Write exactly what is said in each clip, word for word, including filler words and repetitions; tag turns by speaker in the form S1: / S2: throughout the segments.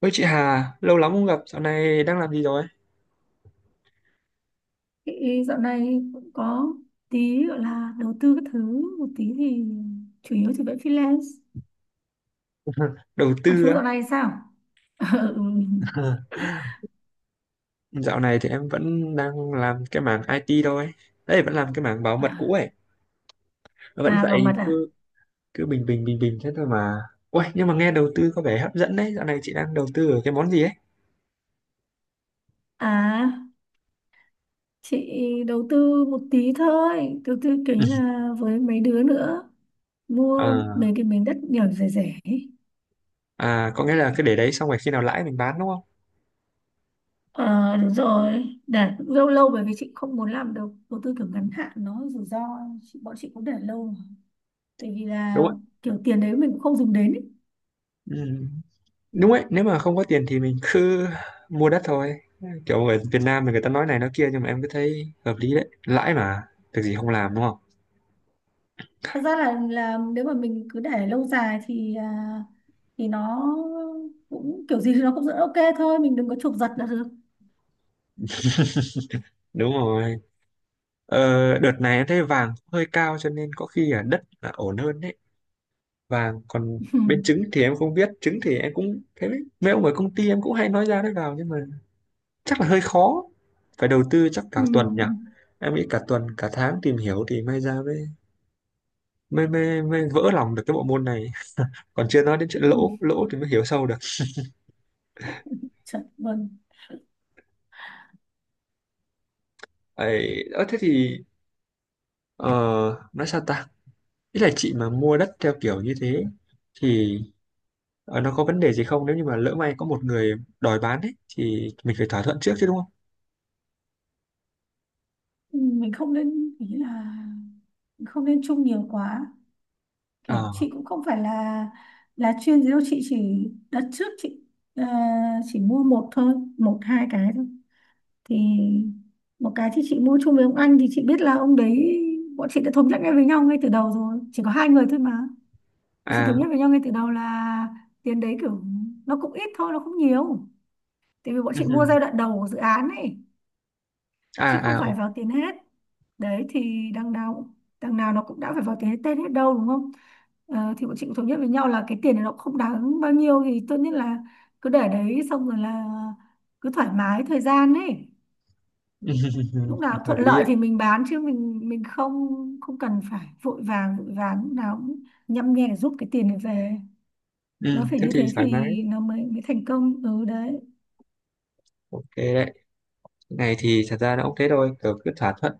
S1: Ôi chị Hà, lâu lắm không gặp, dạo này đang làm gì rồi?
S2: Chị dạo này cũng có tí gọi là đầu tư các thứ một tí thì chủ yếu thì vẫn freelance,
S1: Đầu
S2: còn
S1: tư
S2: chú
S1: á.
S2: dạo này sao? Ừ.
S1: Dạo này thì em vẫn đang làm cái mảng i tê thôi. Đấy, vẫn làm cái mảng bảo mật cũ ấy. Vẫn
S2: À, bảo
S1: vậy,
S2: mật à?
S1: cứ cứ bình bình bình bình thế thôi mà. Ôi, nhưng mà nghe đầu tư có vẻ hấp dẫn đấy. Dạo này chị đang đầu tư ở cái món gì ấy?
S2: À, chị đầu tư một tí thôi, đầu tư kiểu như là với mấy đứa nữa mua
S1: À,
S2: mấy cái miếng đất nhỏ rẻ rẻ ấy.
S1: à có nghĩa là cứ để đấy xong rồi khi nào lãi mình bán đúng không?
S2: Ờ đúng rồi, để cũng lâu lâu bởi vì chị không muốn làm đầu đầu tư kiểu ngắn hạn nó rủi ro, chị, bọn chị cũng để lâu mà. Tại vì
S1: Đúng
S2: là
S1: ạ.
S2: kiểu tiền đấy mình cũng không dùng đến ý.
S1: Ừ. Đúng ấy, nếu mà không có tiền thì mình cứ mua đất thôi. Kiểu ở Việt Nam thì người ta nói này nói kia nhưng mà em cứ thấy hợp lý đấy. Lãi mà, việc gì không làm đúng không?
S2: Thật ra là là nếu mà mình cứ để lâu dài thì à, thì nó cũng kiểu gì thì nó cũng sẽ ok thôi, mình đừng có chụp giật là được.
S1: Đúng rồi. Ờ, đợt này em thấy vàng hơi cao cho nên có khi là đất là ổn hơn đấy. Vàng còn bên trứng thì em không biết, trứng thì em cũng thấy đấy. Mấy ông ở công ty em cũng hay nói ra nói vào nhưng mà chắc là hơi khó. Phải đầu tư chắc
S2: Ừ.
S1: cả tuần nhỉ. Em nghĩ cả tuần, cả tháng tìm hiểu thì may ra mới mới mới, mới vỡ lòng được cái bộ môn này. Còn chưa nói đến
S2: Ừ.
S1: chuyện lỗ, lỗ thì mới hiểu sâu được.
S2: Chật vâng.
S1: Ấy, ờ, thế thì ờ, nói sao ta? Ý là chị mà mua đất theo kiểu như thế thì Ờ, nó có vấn đề gì không nếu như mà lỡ may có một người đòi bán ấy thì mình phải thỏa thuận trước chứ đúng không?
S2: Ừ, mình không nên, ý là mình không nên chung nhiều quá, kiểu chị
S1: Ờ
S2: cũng không phải là là chuyên gì đâu, chị chỉ đặt trước, chị à, chỉ mua một thôi, một hai cái thôi thì một cái thì chị mua chung với ông anh thì chị biết là ông đấy, bọn chị đã thống nhất ngay với nhau ngay từ đầu rồi, chỉ có hai người thôi mà. Chị thống
S1: à
S2: nhất với nhau ngay từ đầu là tiền đấy kiểu nó cũng ít thôi, nó không nhiều, tại vì bọn
S1: ừ,
S2: chị
S1: ừ.
S2: mua giai đoạn đầu của dự án ấy chứ không
S1: À à
S2: phải
S1: ok.
S2: vào tiền hết. Đấy thì đằng nào đằng nào nó cũng đã phải vào tiền hết tên hết đâu, đúng không? Ờ, thì bọn chị cũng thống nhất với nhau là cái tiền này nó cũng không đáng bao nhiêu thì tốt nhất là cứ để đấy xong rồi là cứ thoải mái thời gian ấy, lúc nào
S1: Hợp
S2: thuận
S1: lý
S2: lợi
S1: đấy.
S2: thì mình bán chứ mình mình không không cần phải vội vàng, vội vàng lúc nào cũng nhăm nhe để giúp cái tiền này về,
S1: Ừ,
S2: nó phải
S1: thế
S2: như
S1: thì
S2: thế
S1: thoải mái
S2: thì nó mới mới thành công, ừ đấy
S1: ok đấy. Cái này thì thật ra nó cũng thế thôi, kiểu cứ thỏa thuận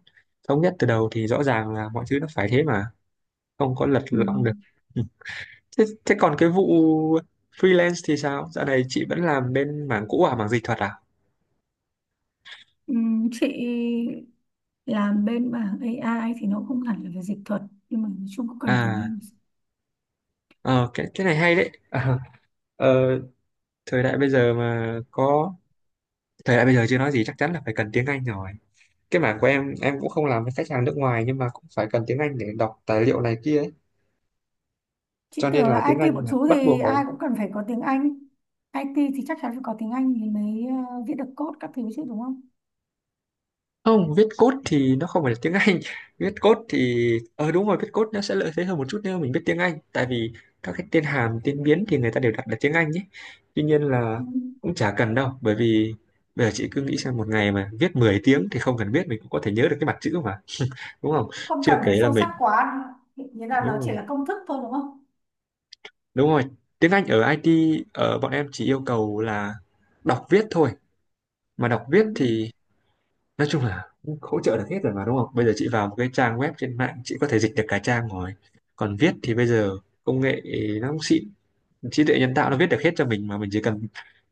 S1: thống nhất từ đầu thì rõ ràng là mọi thứ nó phải thế mà không có lật
S2: ừ.
S1: lọng được. Ừ. Thế, thế còn cái vụ freelance thì sao? Dạo này chị vẫn làm bên mảng cũ à, mảng dịch thuật à?
S2: Ừ, chị làm bên mảng a i thì nó không hẳn là về dịch thuật nhưng mà nói chung cũng cần tiếng
S1: À,
S2: Anh.
S1: ờ, cái cái này hay đấy. Ờ, thời đại bây giờ mà có Thời đại bây giờ chưa nói gì chắc chắn là phải cần tiếng Anh rồi. Cái mảng của em em cũng không làm với khách hàng nước ngoài nhưng mà cũng phải cần tiếng Anh để đọc tài liệu này kia ấy.
S2: Chị
S1: Cho nên
S2: tưởng là
S1: là tiếng
S2: ai ti
S1: Anh
S2: bọn
S1: là
S2: chú
S1: bắt
S2: thì
S1: buộc rồi.
S2: ai cũng cần phải có tiếng Anh. i ti thì chắc chắn phải có tiếng Anh thì mới ờ, viết được code các thứ chứ đúng không?
S1: Không, viết code thì nó không phải là tiếng Anh. Viết code thì ờ đúng rồi, viết code nó sẽ lợi thế hơn một chút nếu mà mình biết tiếng Anh tại vì các cái tên hàm, tên biến thì người ta đều đặt là tiếng Anh ấy. Tuy nhiên là
S2: Ừ.
S1: cũng chả cần đâu bởi vì bây giờ chị cứ nghĩ xem một ngày mà viết mười tiếng thì không cần biết mình cũng có thể nhớ được cái mặt chữ mà, đúng không?
S2: Không cần
S1: Chưa kể
S2: phải
S1: là
S2: sâu
S1: mình
S2: sắc quá, nghĩa là
S1: đúng
S2: nó chỉ
S1: rồi.
S2: là công thức thôi, đúng không?
S1: Đúng rồi, tiếng Anh ở i tê ở bọn em chỉ yêu cầu là đọc viết thôi. Mà đọc
S2: Ừ.
S1: viết thì nói chung là hỗ trợ được hết rồi mà đúng không? Bây giờ chị vào một cái trang web trên mạng chị có thể dịch được cả trang rồi. Còn viết thì bây giờ công nghệ nó cũng xịn, trí tuệ nhân tạo nó viết được hết cho mình mà mình chỉ cần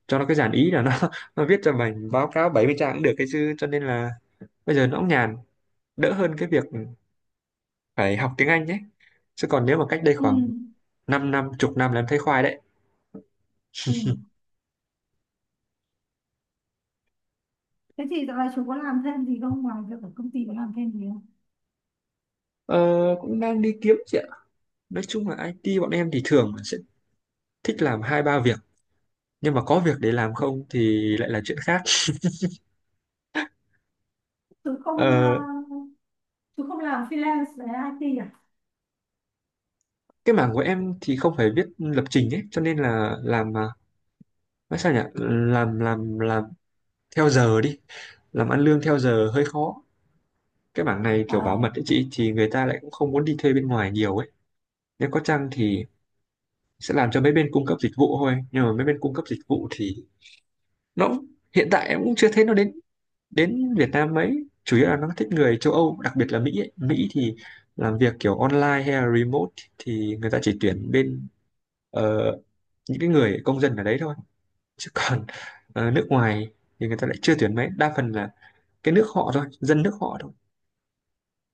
S1: cho nó cái dàn ý là nó nó viết cho mình báo cáo bảy mươi trang cũng được cái chứ cho nên là bây giờ nó cũng nhàn, đỡ hơn cái việc phải học tiếng Anh nhé. Chứ còn nếu mà cách đây
S2: Ừ.
S1: khoảng 5 năm, chục năm là em thấy khoai đấy.
S2: Ừ. Thế thì dạo này chú có làm thêm gì không, ngoài việc ở công ty có làm thêm gì không?
S1: Ờ, cũng đang đi kiếm chị ạ, nói chung là i tê bọn em thì thường sẽ thích làm hai ba việc nhưng mà có việc để làm không thì lại là chuyện khác.
S2: Chú không ờ,
S1: Ờ,
S2: Chú không làm freelance về i ti à?
S1: cái mảng của em thì không phải viết lập trình ấy cho nên là làm mà nói sao nhỉ làm làm làm theo giờ đi, làm ăn lương theo giờ hơi khó, cái mảng này kiểu bảo mật
S2: Ờ,
S1: ấy chị thì người ta lại cũng không muốn đi thuê bên ngoài nhiều ấy, nếu có chăng thì sẽ làm cho mấy bên cung cấp dịch vụ thôi nhưng mà mấy bên cung cấp dịch vụ thì nó cũng- hiện tại em cũng chưa thấy nó đến đến Việt Nam mấy, chủ yếu là nó thích người châu Âu đặc biệt là Mỹ ấy. Mỹ thì làm việc kiểu online hay là remote thì người ta chỉ tuyển bên ờ, những cái người công dân ở đấy thôi chứ còn ờ, nước ngoài thì người ta lại chưa tuyển mấy, đa phần là cái nước họ thôi dân nước họ thôi,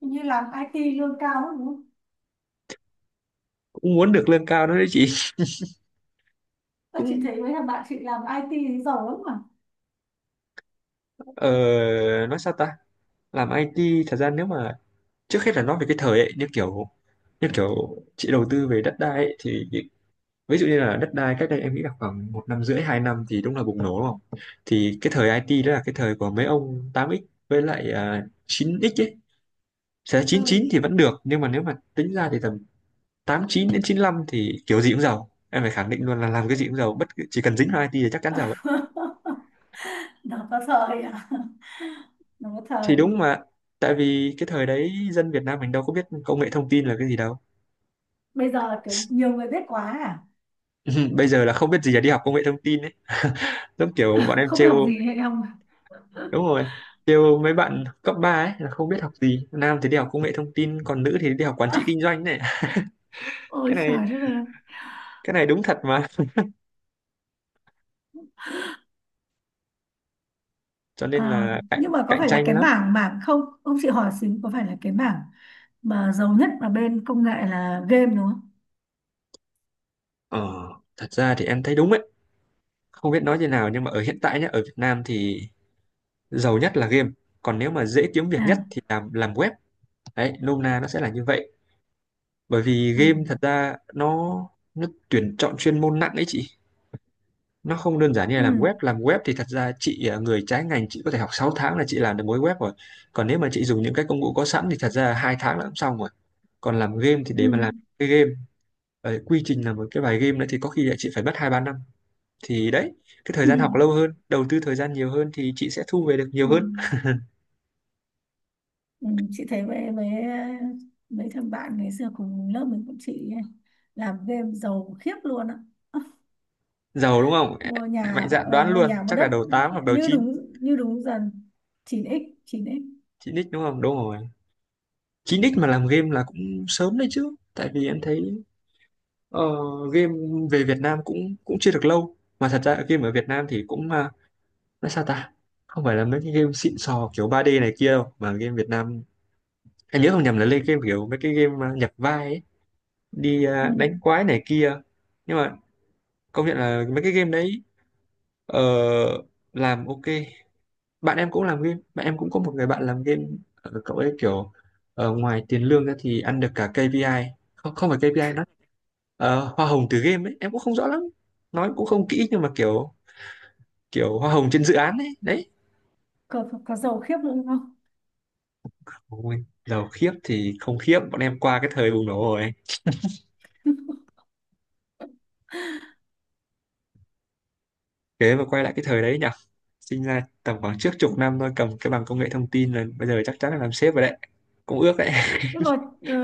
S2: như làm i ti lương cao lắm đúng không?
S1: cũng muốn được lương cao đó đấy chị.
S2: Các chị
S1: Cũng
S2: thấy mấy thằng bạn chị làm i ti thì giàu lắm mà.
S1: ờ, nói sao ta, làm i tê thật ra nếu mà trước hết là nói về cái thời ấy như kiểu như kiểu chị đầu tư về đất đai ấy, thì ví dụ như là đất đai cách đây em nghĩ là khoảng một năm rưỡi hai năm thì đúng là bùng nổ đúng không, thì cái thời i tê đó là cái thời của mấy ông tám x với lại à, chín x ấy, sẽ
S2: Ừ.
S1: chín chín thì vẫn được nhưng mà nếu mà tính ra thì tầm tám chín đến chín lăm thì kiểu gì cũng giàu, em phải khẳng định luôn là làm cái gì cũng giàu bất cứ- chỉ cần dính vào i tê thì chắc chắn giàu ấy,
S2: Nó có thời à? Nó có
S1: thì
S2: thời.
S1: đúng mà tại vì cái thời đấy dân Việt Nam mình đâu có biết công nghệ thông tin là cái gì đâu.
S2: Bây giờ kiểu nhiều người biết quá à?
S1: Bây giờ là không biết gì là đi học công nghệ thông tin ấy. Giống kiểu bọn em
S2: Không biết
S1: trêu
S2: học gì hay không?
S1: đúng rồi, kêu mấy bạn cấp ba ấy là không biết học gì nam thì đi học công nghệ thông tin còn nữ thì đi học quản trị kinh doanh này. cái
S2: Ôi
S1: này
S2: trời đất ơi.
S1: cái này đúng thật mà cho nên
S2: À,
S1: là cạnh
S2: nhưng mà có
S1: cạnh
S2: phải là
S1: tranh
S2: cái
S1: lắm.
S2: mảng mảng không? Ông chị hỏi xíu, có phải là cái mảng mà giàu nhất ở bên công nghệ là game đúng không?
S1: Ờ thật ra thì em thấy đúng ấy, không biết nói thế nào nhưng mà ở hiện tại nhá ở Việt Nam thì giàu nhất là game, còn nếu mà dễ kiếm
S2: À,
S1: việc nhất thì làm làm web, đấy nôm na nó sẽ là như vậy, bởi vì
S2: ừ.
S1: game thật ra nó nó tuyển chọn chuyên môn nặng ấy chị, nó không đơn giản như là làm
S2: Ừ.
S1: web, làm web thì thật ra chị à, người trái ngành chị có thể học sáu tháng là chị làm được mối web rồi, còn nếu mà chị dùng những cái công cụ có sẵn thì thật ra hai tháng là cũng xong rồi. Còn làm game thì
S2: Ừ.
S1: để mà làm cái game ờ, quy trình làm một cái bài game nữa thì có khi là chị phải mất hai ba năm, thì đấy cái thời
S2: Ừ.
S1: gian
S2: Ừ.
S1: học lâu hơn đầu tư thời gian nhiều hơn thì chị sẽ thu về được nhiều
S2: Ừ.
S1: hơn.
S2: Ừ, chị thấy với với mấy thằng bạn ngày xưa cùng lớp mình cũng chị ấy, làm game giàu khiếp luôn á,
S1: Giàu đúng không.
S2: mua
S1: Lại mạnh
S2: nhà
S1: dạn
S2: ở,
S1: đoán
S2: mua
S1: luôn
S2: nhà mua
S1: chắc là
S2: đất,
S1: đầu tám hoặc đầu
S2: như
S1: chín,
S2: đúng, như đúng dần, chín ích chín x
S1: chín x đúng không đúng rồi, chín x mà làm game là cũng sớm đấy chứ tại vì em thấy Ờ, game về Việt Nam cũng cũng chưa được lâu mà, thật ra game ở Việt Nam thì cũng à, nói sao ta, không phải là mấy cái game xịn sò kiểu ba d này kia đâu, mà game Việt Nam anh nhớ không nhầm là lên game kiểu mấy cái game à, nhập vai ấy, đi
S2: ừ.
S1: à, đánh quái này kia, nhưng mà công nhận là mấy cái game đấy ờ, làm ok. Bạn em cũng làm game, bạn em cũng có một người bạn làm game. Ờ, cậu ấy kiểu ờ, ngoài tiền lương ra thì ăn được cả ca pê i, không không phải ca pê i nó ờ, hoa hồng từ game ấy em cũng không rõ lắm, nói cũng không kỹ nhưng mà kiểu kiểu hoa hồng trên dự án ấy đấy.
S2: Có, có, có giàu khiếp luôn không?
S1: Ôi, giàu khiếp thì không khiếp, bọn em qua cái thời bùng nổ rồi, thế mà quay lại cái thời đấy nhỉ, sinh ra tầm khoảng trước chục năm thôi cầm cái bằng công nghệ thông tin là bây giờ chắc chắn là làm sếp rồi đấy, cũng ước đấy.
S2: Nhưng mà ờ,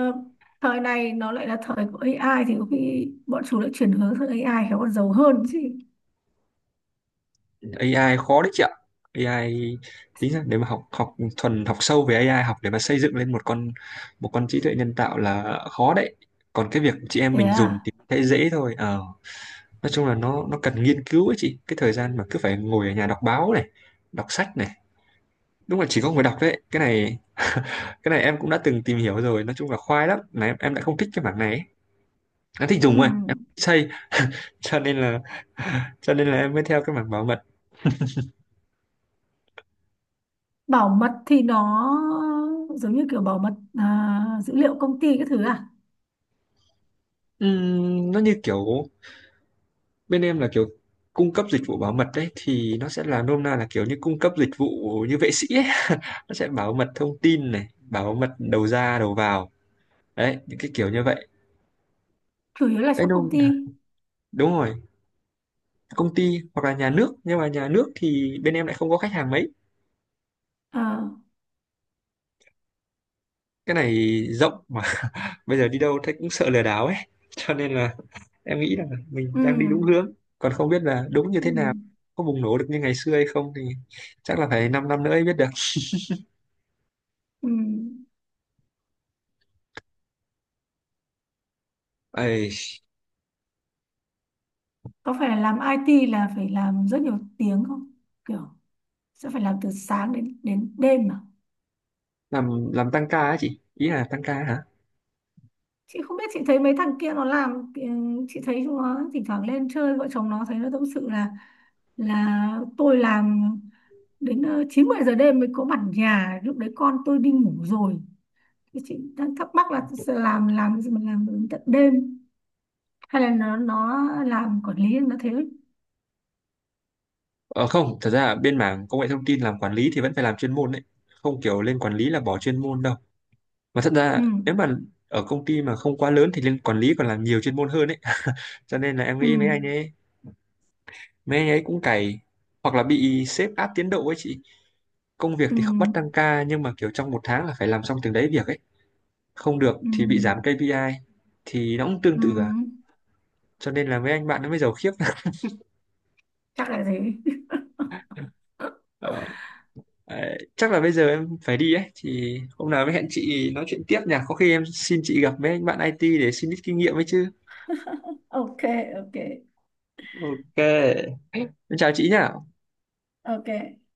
S2: thời này nó lại là thời của a i thì có khi bọn chúng lại chuyển hướng sang a i khéo còn giàu hơn chứ.
S1: a i khó đấy chị ạ, a i tính ra nếu mà học học thuần học sâu về a i học để mà xây dựng lên một con một con trí tuệ nhân tạo là khó đấy, còn cái việc chị em
S2: Thế
S1: mình dùng
S2: à?
S1: thì thấy dễ thôi. Ờ, nói chung là nó nó cần nghiên cứu ấy chị, cái thời gian mà cứ phải ngồi ở nhà đọc báo này đọc sách này đúng là chỉ có người đọc đấy. Cái này cái này em cũng đã từng tìm hiểu rồi, nói chung là khoai lắm, là em em lại không thích cái mảng này ấy. Em thích
S2: Ừ.
S1: dùng thôi em không thích xây. Cho nên là cho nên là em mới theo cái mảng bảo mật.
S2: Bảo mật thì nó giống như kiểu bảo mật à, dữ liệu công ty cái thứ à?
S1: Ừm, nó như kiểu bên em là kiểu cung cấp dịch vụ bảo mật đấy, thì nó sẽ là nôm na là kiểu như cung cấp dịch vụ như vệ sĩ ấy. Nó sẽ bảo mật thông tin này, bảo mật đầu ra đầu vào đấy, những cái kiểu như vậy
S2: Chủ yếu là
S1: đấy.
S2: cho công
S1: Đúng,
S2: ty.
S1: đúng rồi, công ty hoặc là nhà nước, nhưng mà nhà nước thì bên em lại không có khách hàng mấy,
S2: À,
S1: cái này rộng mà. Bây giờ đi đâu thấy cũng sợ lừa đảo ấy. Cho nên là em nghĩ là mình
S2: ừ,
S1: đang đi đúng hướng, còn không biết là đúng như thế
S2: ừ,
S1: nào, có bùng nổ được như ngày xưa hay không thì chắc là phải 5 năm năm nữa mới biết được.
S2: ừ.
S1: Ây,
S2: Có phải là làm ai ti là phải làm rất nhiều tiếng không? Kiểu sẽ phải làm từ sáng đến đến đêm mà.
S1: làm làm tăng ca á chị, ý là tăng ca hả?
S2: Chị không biết, chị thấy mấy thằng kia nó làm ừ, chị thấy chúng nó thỉnh thoảng lên chơi vợ chồng nó thấy nó tâm sự là là tôi làm đến ờ, chín mười giờ đêm mới có mặt nhà, lúc đấy con tôi đi ngủ rồi. Thì chị đang thắc mắc là sẽ làm làm gì mà làm đến tận đêm, hay là nó nó làm quản lý nó thế.
S1: Ờ không, thật ra bên mảng công nghệ thông tin làm quản lý thì vẫn phải làm chuyên môn đấy, không kiểu lên quản lý là bỏ chuyên môn đâu, mà thật
S2: Ừ.
S1: ra nếu mà ở công ty mà không quá lớn thì lên quản lý còn làm nhiều chuyên môn hơn ấy. Cho nên là em
S2: Ừ.
S1: nghĩ mấy anh ấy mấy anh ấy cũng cày, hoặc là bị sếp áp tiến độ ấy chị, công việc
S2: Ừ
S1: thì không bắt tăng ca nhưng mà kiểu trong một tháng là phải làm xong từng đấy việc ấy, không được
S2: ừ
S1: thì bị giảm ca pê i, thì nó cũng tương
S2: ừ,
S1: tự à, cho nên là mấy anh bạn nó mới giàu khiếp.
S2: chắc là thế.
S1: Đấy, chắc là bây giờ em phải đi ấy thì hôm nào mới hẹn chị nói chuyện tiếp nhỉ, có khi em xin chị gặp với anh bạn i tê để xin ít kinh nghiệm ấy chứ.
S2: Ok, ok,
S1: Ok, em chào chị nhỉ.
S2: ok.